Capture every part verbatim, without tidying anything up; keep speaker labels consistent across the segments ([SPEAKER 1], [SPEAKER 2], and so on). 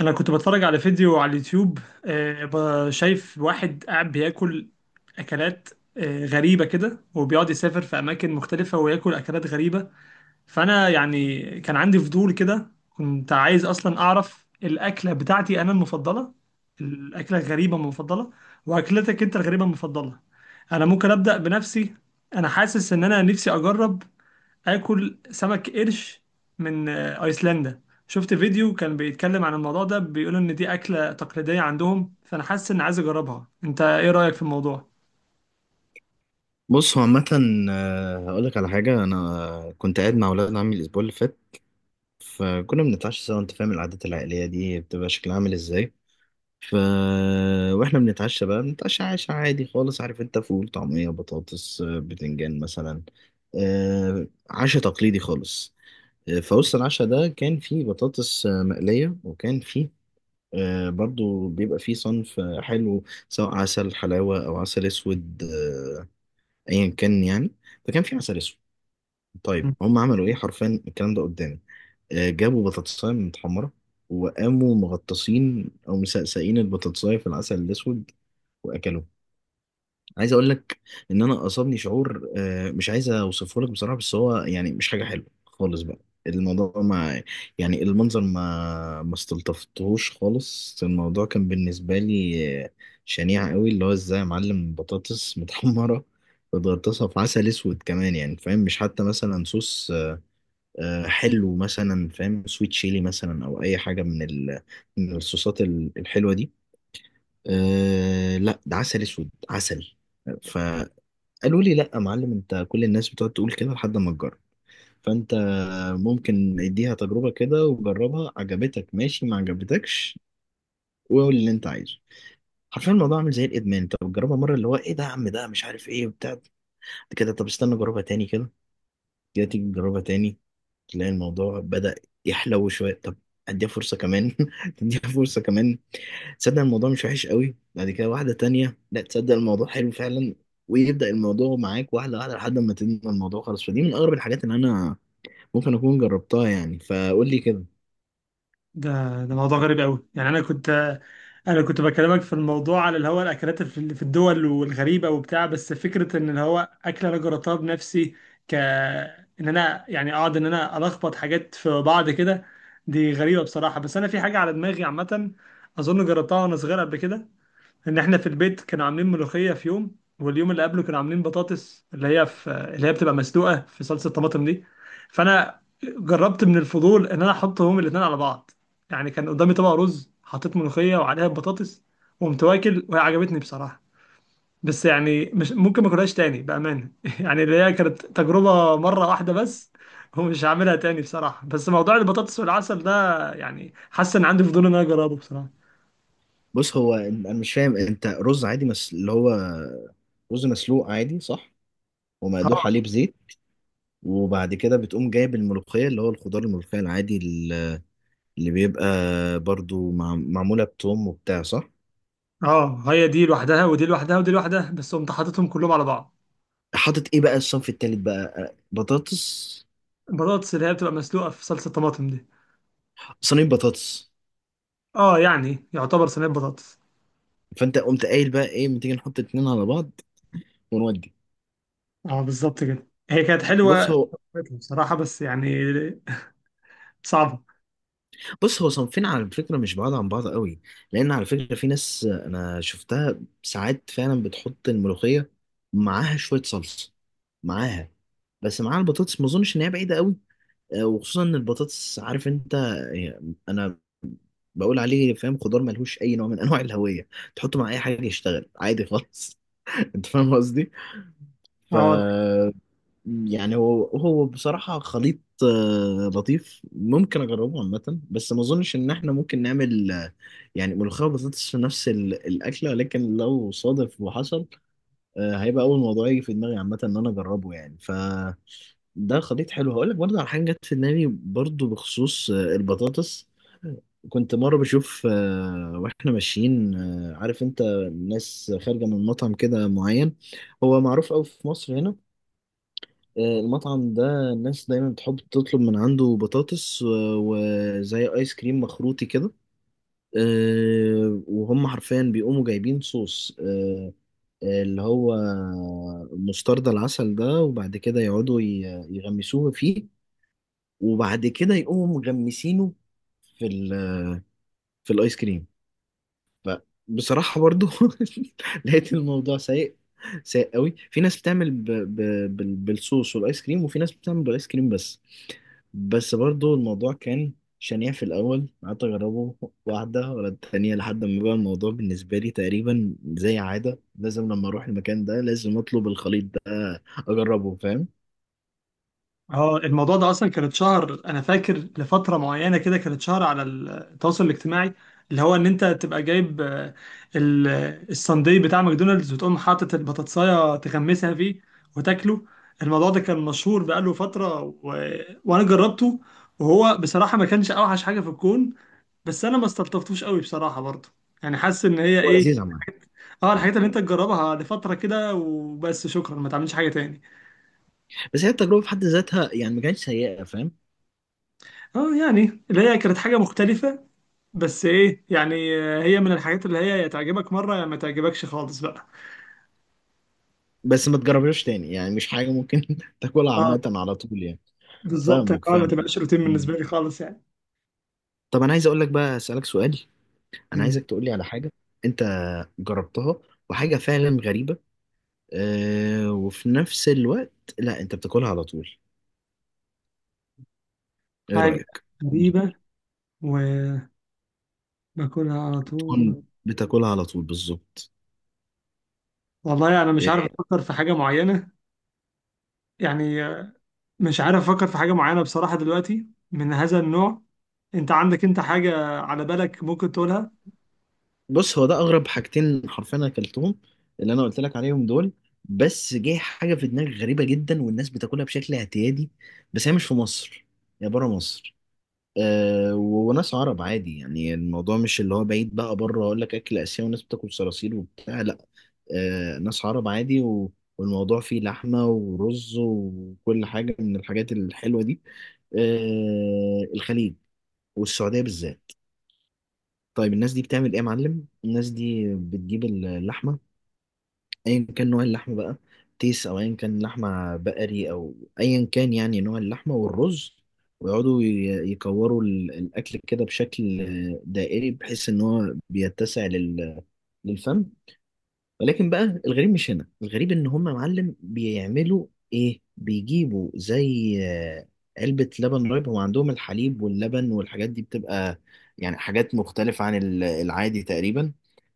[SPEAKER 1] انا كنت بتفرج على فيديو على اليوتيوب. آه، ب- شايف واحد قاعد بياكل اكلات آه، غريبه كده، وبيقعد يسافر في اماكن مختلفه وياكل اكلات غريبه. فانا يعني كان عندي فضول كده، كنت عايز اصلا اعرف الاكله بتاعتي انا المفضله، الاكله الغريبه المفضله، واكلتك انت الغريبه المفضله. انا ممكن ابدا بنفسي. انا حاسس ان انا نفسي اجرب اكل سمك قرش من آه، ايسلندا. شفت فيديو كان بيتكلم عن الموضوع ده، بيقول ان دي اكله تقليديه عندهم، فانا حاسس ان عايز اجربها. انت ايه رايك في الموضوع؟
[SPEAKER 2] بص هو عامة. آه، هقولك على حاجة. أنا كنت قاعد مع ولاد عمي الأسبوع اللي فات، فكنا بنتعشى سوا. أنت فاهم العادات العائلية دي بتبقى شكلها عامل إزاي؟ ف وإحنا بنتعشى، بقى بنتعشى عشا عادي خالص، عارف أنت، فول، طعمية، بطاطس، آه، بتنجان مثلا، آه، عشا تقليدي خالص. آه، فوسط العشا ده كان فيه بطاطس آه، مقلية، وكان فيه آه، برضو بيبقى فيه صنف آه، حلو، سواء عسل حلاوة أو عسل أسود، آه، أيا كان يعني. فكان في عسل أسود. طيب
[SPEAKER 1] مم.
[SPEAKER 2] هم عملوا ايه حرفيا الكلام ده قدامي؟ آه، جابوا بطاطساية متحمرة، وقاموا مغطسين او مسقسقين البطاطساية في العسل الاسود واكلوه. عايز اقول لك ان انا اصابني شعور، آه، مش عايز اوصفه لك بصراحة، بس هو يعني مش حاجة حلوة خالص بقى. الموضوع ما، يعني المنظر ما ما استلطفتهوش خالص. الموضوع كان بالنسبة لي آه، شنيع قوي. اللي هو ازاي يا معلم بطاطس متحمرة بتغطسها في عسل اسود كمان؟ يعني فاهم، مش حتى مثلا صوص آه، حلو مثلا، فاهم، سويت شيلي مثلا، او اي حاجه من ال... من الصوصات ال- الحلوه دي. أه لا، ده عسل اسود، عسل. فقالوا لي لا يا معلم، انت كل الناس بتقعد تقول كده لحد ما تجرب. فانت ممكن اديها تجربه كده، وجربها، عجبتك ماشي، ما عجبتكش وقول اللي انت عايزه. حرفيا الموضوع عامل زي الادمان، انت بتجربها مره، اللي هو ايه ده يا عم، ده مش عارف ايه وبتاع كده. طب استنى جربها تاني كده، كده تيجي تجربها تاني، تلاقي الموضوع بدأ يحلو شوية. طب اديها فرصة كمان اديها فرصة كمان، تصدق الموضوع مش وحش قوي. بعد كده واحدة تانية، لا تصدق الموضوع حلو فعلا. ويبدأ الموضوع معاك واحدة واحدة لحد ما تنمى الموضوع خالص. فدي من أغرب الحاجات اللي أنا ممكن أكون جربتها يعني. فقول لي كده.
[SPEAKER 1] ده ده موضوع غريب قوي. يعني انا كنت، آه، انا كنت بكلمك في الموضوع على اللي هو الاكلات اللي في اللي في الدول والغريبه وبتاع، بس فكره ان اللي هو اكله انا جربتها بنفسي، ك ان انا يعني اقعد ان انا الخبط حاجات في بعض كده، دي غريبه بصراحه. بس انا في حاجه على دماغي عامه، اظن جربتها وانا صغير قبل كده. ان احنا في البيت كانوا عاملين ملوخيه في يوم، واليوم اللي قبله كانوا عاملين بطاطس اللي هي في اللي هي بتبقى مسلوقه في صلصه طماطم دي. فانا جربت من الفضول ان انا احطهم الاثنين على بعض. يعني كان قدامي طبق رز، حطيت ملوخيه وعليها البطاطس، وقمت واكل، وهي عجبتني بصراحه. بس يعني مش ممكن ما اكلهاش تاني بامانه. يعني اللي هي كانت تجربه مره واحده بس، ومش هعملها تاني بصراحه. بس موضوع البطاطس والعسل ده، يعني حاسس ان عندي فضول ان انا اجربه بصراحه.
[SPEAKER 2] بص هو أنا مش فاهم، أنت رز عادي، مس... اللي هو رز مسلوق عادي، صح؟ ومقدوح عليه بزيت، وبعد كده بتقوم جايب الملوخية، اللي هو الخضار الملوخية العادي، اللي بيبقى برضو مع... معمولة بتوم وبتاع، صح؟
[SPEAKER 1] اه، هي دي لوحدها ودي لوحدها ودي لوحدها، بس قمت حاططهم كلهم على بعض.
[SPEAKER 2] حاطط ايه بقى الصنف التالت بقى؟ بطاطس،
[SPEAKER 1] البطاطس اللي هي بتبقى مسلوقه في صلصه طماطم دي.
[SPEAKER 2] صينية بطاطس.
[SPEAKER 1] اه يعني يعتبر صينيه بطاطس.
[SPEAKER 2] فانت قمت قايل بقى ايه، ما تيجي نحط اتنين على بعض ونودي.
[SPEAKER 1] اه بالظبط كده، هي كانت حلوه
[SPEAKER 2] بص هو
[SPEAKER 1] بصراحه. بس يعني صعبه.
[SPEAKER 2] بص هو صنفين على فكرة مش بعاد عن بعض قوي، لان على فكرة في ناس انا شفتها ساعات فعلا بتحط الملوخية معاها شوية صلصة، معاها، بس معاها البطاطس. ما اظنش ان هي بعيدة قوي، آه، وخصوصا ان البطاطس عارف انت، يعني انا بقول عليه، فاهم، خضار ملهوش اي نوع من انواع الهويه، تحطه مع اي حاجه يشتغل عادي خالص. انت فاهم قصدي. ف
[SPEAKER 1] اه.
[SPEAKER 2] يعني هو هو بصراحه خليط آه، لطيف ممكن اجربه عامه، بس ما اظنش ان احنا ممكن نعمل آه، يعني ملوخيه وبطاطس في نفس ال- الاكله، لكن لو صادف وحصل آه، هيبقى اول موضوع يجي في دماغي عامه ان انا اجربه يعني. ف ده خليط حلو. هقول لك برضه على حاجه جت في دماغي برضه بخصوص آه، البطاطس. كنت مره بشوف، آه، واحنا ماشيين، آه، عارف انت، الناس خارجه من مطعم كده معين، هو معروف قوي في مصر هنا. آه، المطعم ده الناس دايما بتحب تطلب من عنده بطاطس آه، وزي ايس كريم مخروطي كده. آه، وهم حرفيا بيقوموا جايبين صوص، آه، آه، اللي هو مستردة العسل ده، وبعد كده يقعدوا ي- يغمسوه فيه، وبعد كده يقوموا مغمسينه في ال، في الايس كريم. فبصراحة برضو لقيت الموضوع سيء، سيء قوي. في ناس بتعمل ب ب بال- بالصوص والايس كريم، وفي ناس بتعمل بالايس كريم بس. بس برضو الموضوع كان شنيع في الاول. قعدت اجربه واحدة ورا التانية لحد ما بقى الموضوع بالنسبة لي تقريبا زي عادة، لازم لما اروح المكان ده لازم اطلب الخليط ده اجربه، فاهم.
[SPEAKER 1] اه، الموضوع ده اصلا كان اتشهر، انا فاكر لفتره معينه كده كان اتشهر على التواصل الاجتماعي، اللي هو ان انت تبقى جايب آه، ال- الساندي بتاع ماكدونالدز، وتقوم حاطط البطاطسايه تغمسها فيه وتاكله. الموضوع ده كان مشهور بقاله فتره و... وانا جربته، وهو بصراحه ما كانش اوحش حاجه في الكون، بس انا ما استلطفتوش قوي بصراحه برضه. يعني حاسس ان هي
[SPEAKER 2] هو
[SPEAKER 1] ايه.
[SPEAKER 2] لذيذ عامة
[SPEAKER 1] اه، الحاجات
[SPEAKER 2] يعني.
[SPEAKER 1] اللي انت تجربها لفتره كده وبس، شكرا ما تعملش حاجه تاني.
[SPEAKER 2] بس هي التجربة في حد ذاتها يعني ما كانتش سيئة، فاهم.
[SPEAKER 1] اه يعني اللي هي كانت حاجه مختلفه، بس ايه يعني، آه، هي من الحاجات اللي هي يا تعجبك مره يا ما تعجبكش خالص بقى.
[SPEAKER 2] بس ما تجربهاش تاني، يعني مش حاجة ممكن تاكلها
[SPEAKER 1] اه
[SPEAKER 2] عامة على طول يعني.
[SPEAKER 1] بالظبط، يعني
[SPEAKER 2] فاهمك
[SPEAKER 1] آه، ما
[SPEAKER 2] فاهمك
[SPEAKER 1] تبقاش روتين بالنسبه
[SPEAKER 2] مم.
[SPEAKER 1] لي خالص يعني.
[SPEAKER 2] طب أنا عايز أقول لك بقى، أسألك سؤال. أنا
[SPEAKER 1] مم.
[SPEAKER 2] عايزك تقول لي على حاجة أنت جربتها وحاجة فعلا غريبة، أه، وفي نفس الوقت لا أنت بتاكلها على طول. إيه
[SPEAKER 1] حاجه
[SPEAKER 2] رأيك؟ مم.
[SPEAKER 1] غريبه وباكلها على طول.
[SPEAKER 2] تكون بتاكلها على طول بالظبط.
[SPEAKER 1] والله انا يعني مش
[SPEAKER 2] إيه،
[SPEAKER 1] عارف افكر في حاجه معينه، يعني آه، مش عارف افكر في حاجه معينه بصراحه دلوقتي من هذا النوع. انت عندك انت حاجه على بالك ممكن تقولها؟
[SPEAKER 2] بص هو ده أغرب حاجتين حرفيا أنا أكلتهم، اللي أنا قلت لك عليهم دول. بس جه حاجة في دماغي غريبة جدا والناس بتاكلها بشكل اعتيادي، بس هي مش في مصر، هي بره مصر. أه وناس عرب عادي، يعني الموضوع مش اللي هو بعيد بقى بره، اقول لك اكل اسيوي وناس بتاكل صراصير وبتاع، لا. أه ناس عرب عادي، و... والموضوع فيه لحمة ورز وكل حاجة من الحاجات الحلوة دي. أه الخليج والسعودية بالذات. طيب الناس دي بتعمل ايه يا معلم؟ الناس دي بتجيب اللحمة، ايا كان نوع اللحمه بقى، تيس او ايا كان لحمه بقري او ايا كان يعني نوع اللحمه، والرز. ويقعدوا ي- يكوروا ال- الاكل كده بشكل دائري، بحيث ان هو بيتسع لل- للفم. ولكن بقى الغريب مش هنا، الغريب ان هم يا معلم بيعملوا ايه، بيجيبوا زي آه، علبة لبن رايب. هو عندهم الحليب واللبن والحاجات دي بتبقى يعني حاجات مختلفة عن ال- العادي تقريبا.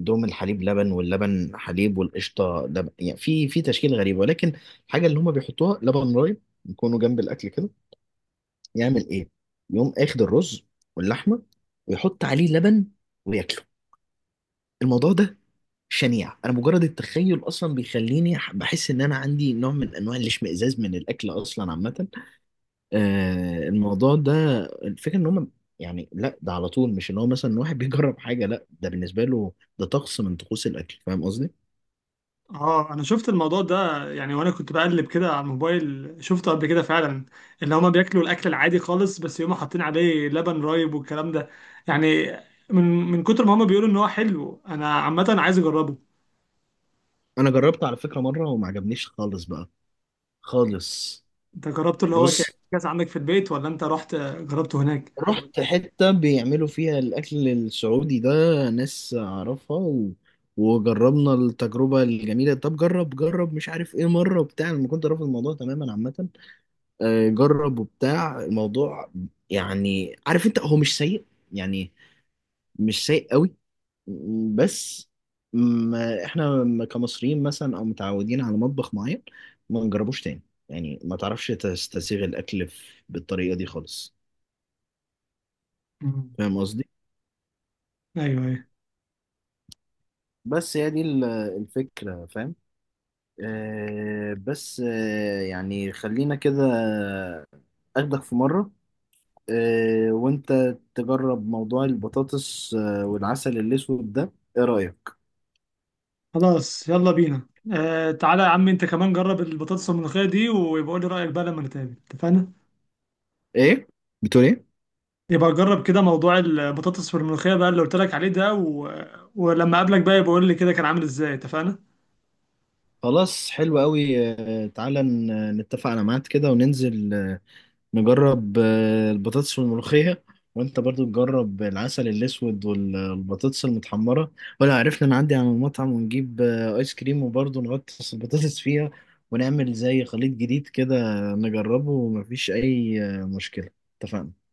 [SPEAKER 2] عندهم الحليب لبن، واللبن حليب، والقشطة لبن، يعني في، في تشكيل غريب. ولكن الحاجة اللي هم بيحطوها لبن رايب يكونوا جنب الأكل كده. يعمل ايه؟ يقوم اخد الرز واللحمة، ويحط عليه لبن، وياكله. الموضوع ده شنيع. انا مجرد التخيل اصلا بيخليني ح- بحس ان انا عندي نوع من انواع الاشمئزاز من الاكل اصلا عامه. آه الموضوع ده، الفكره ان هم يعني لا، ده على طول، مش ان هو مثلا واحد بيجرب حاجه، لا ده بالنسبه له ده طقس من طقوس الاكل، فاهم قصدي.
[SPEAKER 1] اه انا شفت الموضوع ده، يعني وانا كنت بقلب كده على الموبايل شفته قبل كده فعلا. اللي هما بياكلوا الاكل العادي خالص بس يقوموا حاطين عليه لبن رايب والكلام ده. يعني من من كتر ما هما بيقولوا ان هو حلو، انا عامه عايز اجربه.
[SPEAKER 2] انا جربت على فكره مره وما عجبنيش خالص بقى، خالص.
[SPEAKER 1] انت جربته اللي هو كان
[SPEAKER 2] بص،
[SPEAKER 1] كاس عندك في البيت، ولا انت رحت جربته هناك؟
[SPEAKER 2] رحت حتة بيعملوا فيها الأكل السعودي ده، ناس أعرفها، و... وجربنا التجربة الجميلة. طب جرب جرب، مش عارف إيه مرة بتاع، لما كنت رافض الموضوع تماما عامة. آه، جرب وبتاع الموضوع، يعني عارف أنت هو مش سيء يعني، مش سيء قوي. بس ما إحنا م- كمصريين مثلا أو متعودين على مطبخ معين، ما نجربوش تاني. يعني ما تعرفش تستسيغ الأكل في- بالطريقة دي خالص.
[SPEAKER 1] مم.
[SPEAKER 2] فاهم قصدي؟
[SPEAKER 1] ايوه، ايوه.
[SPEAKER 2] بس هي دي ال- الفكرة، فاهم. آه بس آه يعني خلينا كده، أخدك في مرة، آه وأنت تجرب موضوع البطاطس آه والعسل الأسود ده، إيه رأيك؟
[SPEAKER 1] خلاص يلا بينا. آه تعالى يا عم انت كمان جرب البطاطس الملوخيه دي، ويبقى قول لي رايك بقى لما نتقابل، اتفقنا؟
[SPEAKER 2] إيه؟ بتقول ايه؟
[SPEAKER 1] يبقى جرب كده موضوع البطاطس والملوخية بقى اللي قلت لك عليه ده، و... ولما اقابلك بقى يبقى قول لي كده كان عامل ازاي، اتفقنا؟
[SPEAKER 2] خلاص حلو قوي. آه تعالى ن- نتفق على ميعاد كده وننزل، آه، نجرب آه، البطاطس والملوخية، وانت برضو تجرب العسل الاسود والبطاطس المتحمرة، ولا عرفنا نعدي على المطعم ونجيب آه، ايس كريم وبرضو نغطس البطاطس فيها ونعمل زي خليط جديد كده نجربه، ومفيش اي آه، مشكلة. اتفقنا؟